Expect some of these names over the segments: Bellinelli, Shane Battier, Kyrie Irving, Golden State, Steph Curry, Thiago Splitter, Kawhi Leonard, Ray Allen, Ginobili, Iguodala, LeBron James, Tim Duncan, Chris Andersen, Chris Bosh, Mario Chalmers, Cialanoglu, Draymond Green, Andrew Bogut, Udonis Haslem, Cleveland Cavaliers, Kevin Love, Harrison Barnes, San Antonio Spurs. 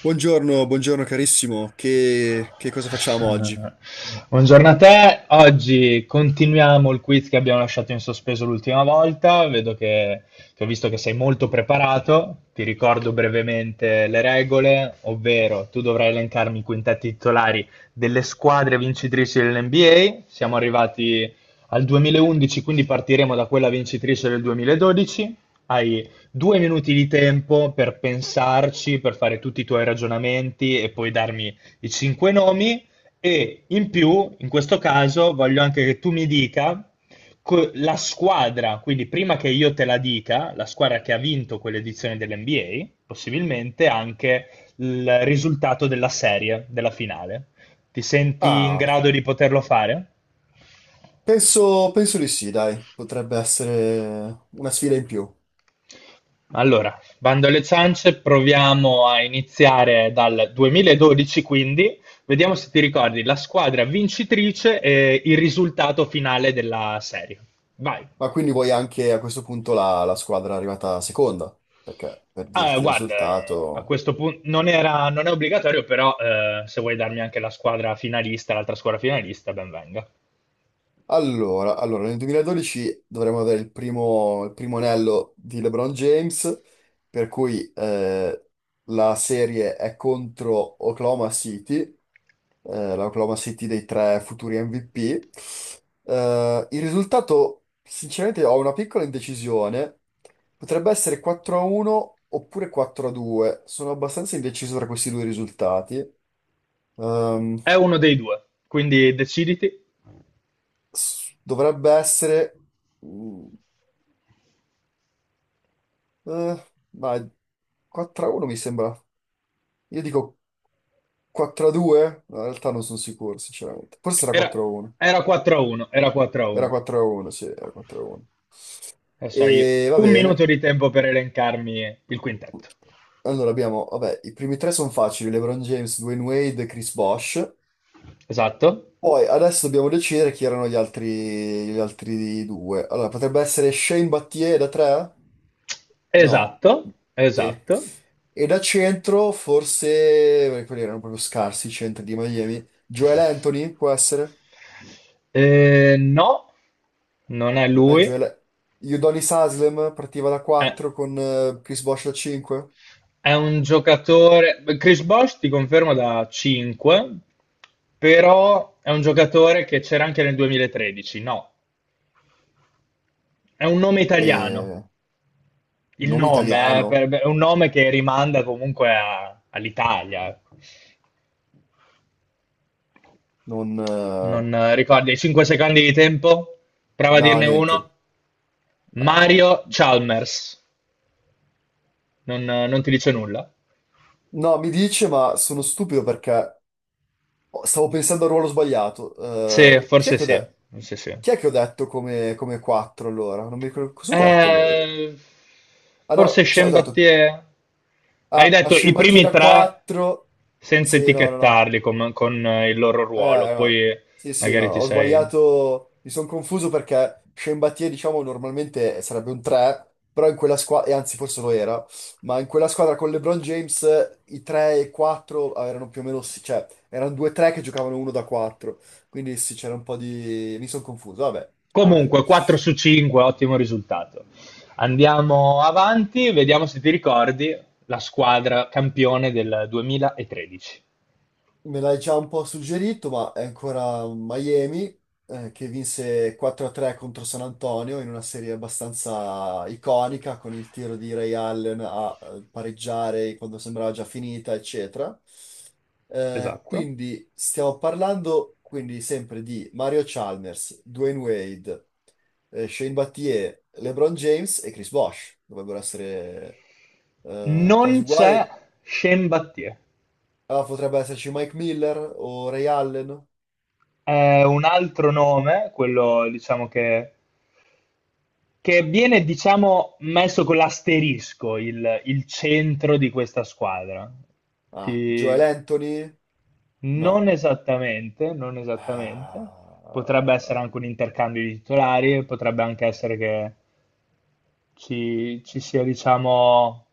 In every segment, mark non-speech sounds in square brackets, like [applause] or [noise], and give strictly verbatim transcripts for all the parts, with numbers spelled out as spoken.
Buongiorno, buongiorno carissimo, che, che cosa facciamo oggi? Buongiorno a te. Oggi continuiamo il quiz che abbiamo lasciato in sospeso l'ultima volta, vedo che, che ho visto che sei molto preparato. Ti ricordo brevemente le regole, ovvero tu dovrai elencarmi i quintetti titolari delle squadre vincitrici dell'N B A. Siamo arrivati al duemilaundici, quindi partiremo da quella vincitrice del duemiladodici. Hai due minuti di tempo per pensarci, per fare tutti i tuoi ragionamenti e poi darmi i cinque nomi, e in più, in questo caso, voglio anche che tu mi dica co- la squadra, quindi prima che io te la dica, la squadra che ha vinto quell'edizione dell'N B A, possibilmente anche il risultato della serie, della finale. Ti senti in Ah, grado di poterlo fare? penso, penso di sì, dai, potrebbe essere una sfida in più. Allora, bando alle ciance, proviamo a iniziare dal duemiladodici, quindi vediamo se ti ricordi la squadra vincitrice e il risultato finale della serie. Vai. Ma quindi vuoi anche a questo punto la, la squadra arrivata seconda? Perché per Ah, dirti il guarda, a risultato. questo punto non era- non è obbligatorio, però eh, se vuoi darmi anche la squadra finalista, l'altra squadra finalista, ben venga. Allora, allora, nel duemiladodici dovremmo avere il primo, il primo anello di LeBron James, per cui eh, la serie è contro Oklahoma City eh, l'Oklahoma City dei tre futuri M V P. Eh, il risultato, sinceramente, ho una piccola indecisione. Potrebbe essere quattro a uno oppure quattro a due. Sono abbastanza indeciso tra questi due risultati. Ehm, È uno dei due, quindi deciditi. S- dovrebbe essere. Mm, eh, ma quattro a uno mi sembra. Io dico quattro a due? No, in realtà non sono sicuro, sinceramente. Forse era Era, quattro a uno. era quattro a uno, era 4 a Era 1. quattro a uno, sì, era quattro a uno. Adesso hai E va un minuto bene. di tempo per elencarmi il quintetto. Allora abbiamo, vabbè, i primi tre sono facili, LeBron James, Dwayne Wade, Chris Bosh. Esatto, Poi adesso dobbiamo decidere chi erano gli altri, gli altri due. Allora, potrebbe essere Shane Battier da tre? No. esatto, Sì. esatto. E da centro forse, perché quelli erano proprio scarsi i centri di Miami. Joel Anthony può essere? Eh, no, non è Non è lui. Joel. Udonis Haslem partiva da Eh, quattro con eh, Chris Bosh da cinque. È un giocatore. Chris Bosh ti confermo da cinque, però è un giocatore che c'era anche nel duemilatredici. No, è un nome italiano. Eh, Il nome nome eh, italiano, per- è un nome che rimanda comunque a- all'Italia. Ecco. non. eh, Non eh, ricordi? cinque secondi di tempo? Prova a No, dirne niente. uno. Ah. Mario Chalmers. Non, eh, non ti dice nulla? No, mi dice, ma sono stupido perché stavo pensando al ruolo sbagliato. Sì, Eh, chi è forse che ho sì. de- Forse sì. chi è che ho detto come, come quattro allora? Non mi ricordo cosa ho detto allora io. Eh, Ah Forse no, cioè ho detto: Chambattier. Hai Ah, detto i primi scimbattita tre quattro. senza Sì, no, no, no. etichettarli com- con, eh, il loro ruolo, Eh, no. poi Sì, sì, no, magari ti ho sei. sbagliato, mi sono confuso perché Sciembattie, diciamo, normalmente sarebbe un tre, però in quella squadra, e anzi forse lo era, ma in quella squadra con LeBron James i tre e quattro erano più o meno, sì, cioè, erano due tre che giocavano uno da quattro, quindi sì, c'era un po' di. Mi sono confuso, vabbè, amen. Comunque, quattro su cinque, ottimo risultato. Andiamo avanti, vediamo se ti ricordi la squadra campione del duemilatredici. Me l'hai già un po' suggerito, ma è ancora Miami eh, che vinse quattro a tre contro San Antonio in una serie abbastanza iconica con il tiro di Ray Allen a eh, pareggiare quando sembrava già finita, eccetera. Eh, Esatto. quindi stiamo parlando quindi sempre di Mario Chalmers, Dwayne Wade, eh, Shane Battier, LeBron James e Chris Bosh. Dovrebbero essere eh, quasi Non c'è uguali. Shane Battier. Ah, potrebbe esserci Mike Miller o Ray Allen. È un altro nome, quello diciamo che che viene, diciamo, messo con l'asterisco il, il centro di questa squadra. Ah, Joel Ti- Anthony? No. Non esattamente, non esattamente. Potrebbe essere Ah, anche un intercambio di titolari, potrebbe anche essere che ci, ci sia, diciamo,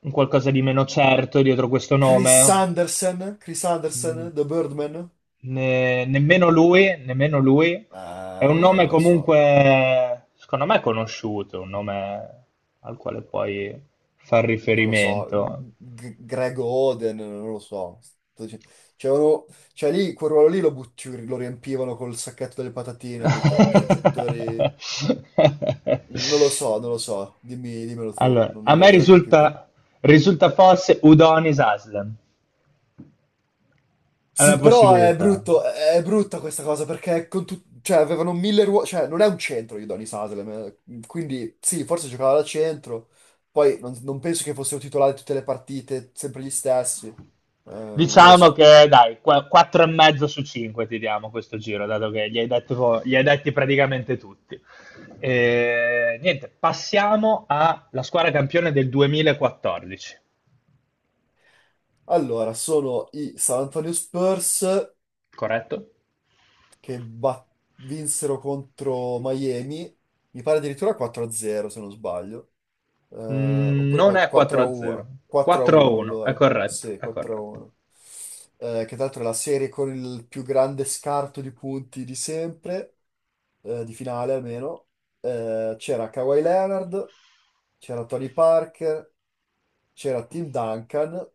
un qualcosa di meno certo dietro questo Chris nome. Andersen? Chris Mm, Andersen, The Birdman? ne- nemmeno lui, nemmeno lui. È Ah, un allora nome non lo so. comunque, secondo me, conosciuto, un nome al quale puoi far Non lo so. riferimento. G- Greg Oden, non lo so. Sto dic-. Cioè, uno- cioè lì, quel ruolo lì lo, butti- lo riempivano col sacchetto delle patatine a quei tempi. Cioè, giocatori. [laughs] Non lo so, non lo so. Dimmi, dimmelo tu. Allora, Non, a non me voglio neanche più. risulta, risulta forse Udonis Haslem, è una Sì, però è possibilità. brutto, è brutta questa cosa perché con tu- cioè, avevano mille ruoli, cioè non è un centro Udonis Haslem, eh, quindi sì, forse giocava da centro, poi non, non penso che fossero titolari tutte le partite, sempre gli stessi. Eh, non lo Diciamo so. che dai, quattro e mezzo su cinque ti diamo questo giro, dato che gli hai, detto- gli hai detti praticamente tutti. E, niente, passiamo alla squadra campione del duemilaquattordici, Allora, sono i San Antonio Spurs corretto? che bat- vinsero contro Miami, mi pare addirittura quattro a zero se non sbaglio. Eh, Mm, oppure Non è 4 a quattro a zero, 1, quattro a uno quattro a uno, è allora, corretto, sì, è 4 a corretto. 1. Eh, che tra l'altro è la serie con il più grande scarto di punti di sempre, eh, di finale almeno. Eh, c'era Kawhi Leonard, c'era Tony Parker, c'era Tim Duncan,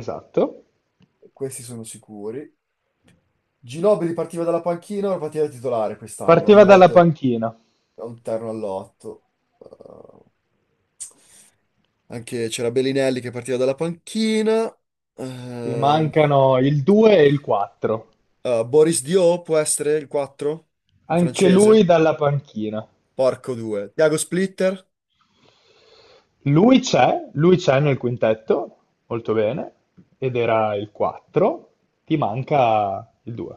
Esatto. questi sono sicuri. Ginobili partiva dalla panchina, ora partiva da titolare quest'anno, Partiva ogni dalla volta a panchina. un terno all'otto. Eh, anche c'era Bellinelli che partiva dalla panchina. Gli Ehm, mancano il due e il quattro. Uh, Boris Dio può essere il quattro, il Anche lui francese? dalla panchina. Porco due. Thiago Splitter? Lui c'è, lui c'è nel quintetto, molto bene, ed era il quattro, ti manca il due.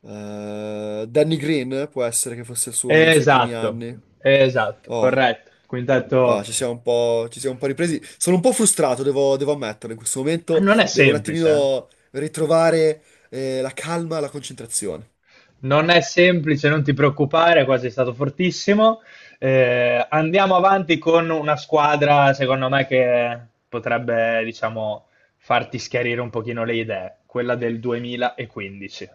Uh, Danny Green può essere che fosse il suo uno dei suoi primi Esatto, anni. esatto, Oh, corretto. Il quintetto. no, ci siamo un po', ci siamo un po' ripresi. Sono un po' frustrato, devo, devo ammetterlo. In questo Ah, momento non è devo un semplice, eh. attimino ritrovare eh, la calma, la concentrazione. Non è semplice, non ti preoccupare, quasi è stato fortissimo. Eh, andiamo avanti con una squadra, secondo me, che potrebbe, diciamo, farti schiarire un pochino le idee, quella del duemilaquindici.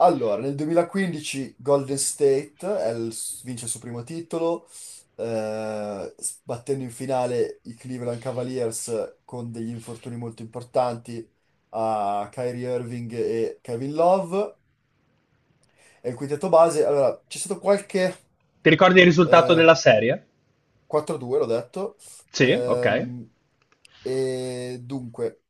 Allora, nel duemilaquindici Golden State è il- vince il suo primo titolo, eh, battendo in finale i Cleveland Cavaliers con degli infortuni molto importanti a Kyrie Irving e Kevin Love. E il quintetto base, allora, c'è stato qualche Ti ricordi il risultato eh, della serie? quattro due, l'ho detto. Sì, ok. Ehm, e dunque.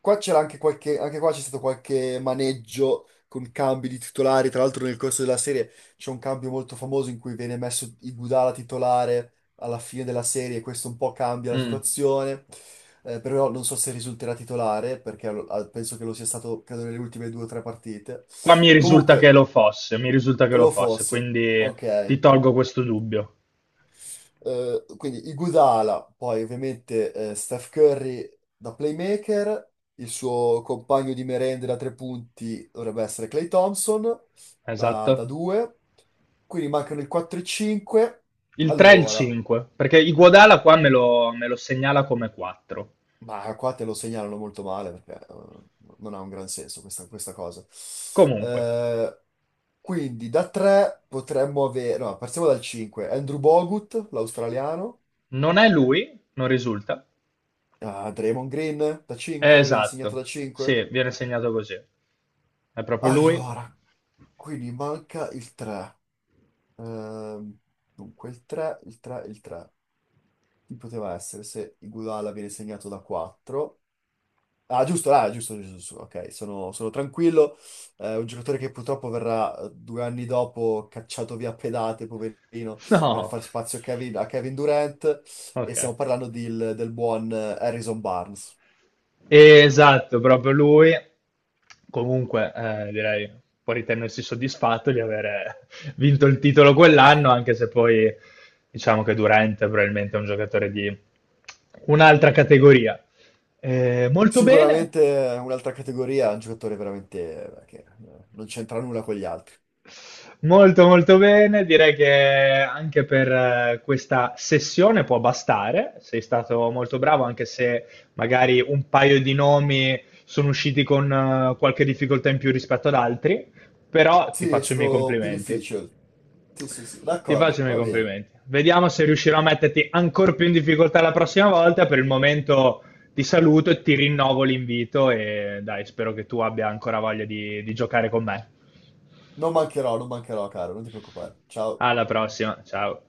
Qua c'era anche qualche, anche qua c'è stato qualche maneggio con cambi di titolari. Tra l'altro, nel corso della serie c'è un cambio molto famoso in cui viene messo Iguodala titolare alla fine della serie. Questo un po' cambia la Mm. situazione. Eh, però non so se risulterà titolare, perché lo- ah, penso che lo sia stato, credo, nelle ultime due o tre partite. Qua mi risulta che Comunque, lo fosse, mi risulta che lo lo fosse, fosse. quindi ti Ok. tolgo questo dubbio. Eh, quindi Iguodala, poi ovviamente eh, Steph Curry da playmaker, il suo compagno di merende da tre punti dovrebbe essere Clay Thompson da, Esatto. da due, quindi mancano il quattro e cinque. Il tre e il Allora, cinque, perché Iguodala qua me lo, me lo segnala come quattro. ma qua te lo segnalano molto male perché eh, non ha un gran senso questa, questa cosa. Comunque, Eh, quindi da tre potremmo avere, no, partiamo dal cinque, Andrew Bogut, l'australiano. non è lui, non risulta. Ah, Draymond Green da È cinque, viene segnato esatto. da Sì, cinque. viene segnato così. È proprio lui? Allora, [laughs] quindi manca il tre. Dunque, il tre, il tre, il tre. Chi poteva essere se Iguodala viene segnato da quattro? Ah, giusto, ah, giusto, giusto, giusto. Ok, sono, sono tranquillo. Eh, un giocatore che purtroppo verrà eh, due anni dopo cacciato via a pedate, poverino, per No. far spazio a Kevin, a Kevin Durant. E Ok. stiamo parlando di- del buon eh, Harrison Barnes. Eh, Esatto, proprio lui. Comunque, eh, direi può ritenersi soddisfatto di aver [laughs] vinto il titolo quell'anno, anche se poi diciamo che Durant è probabilmente un giocatore di un'altra categoria. Eh, molto bene. Sicuramente un'altra categoria, un giocatore veramente eh, che eh, non c'entra nulla con gli altri. Molto molto bene, direi che anche per eh, questa sessione può bastare, sei stato molto bravo, anche se magari un paio di nomi sono usciti con eh, qualche difficoltà in più rispetto ad altri, però ti Sì, è faccio i miei stato più complimenti, difficile. Sì, sì, sì, ti faccio d'accordo, i miei va bene. complimenti. Vediamo se riuscirò a metterti ancora più in difficoltà la prossima volta, per il momento ti saluto e ti rinnovo l'invito e dai, spero che tu abbia ancora voglia di di giocare con me. Non mancherò, non mancherò, caro, non ti preoccupare. Ciao. Alla prossima, ciao.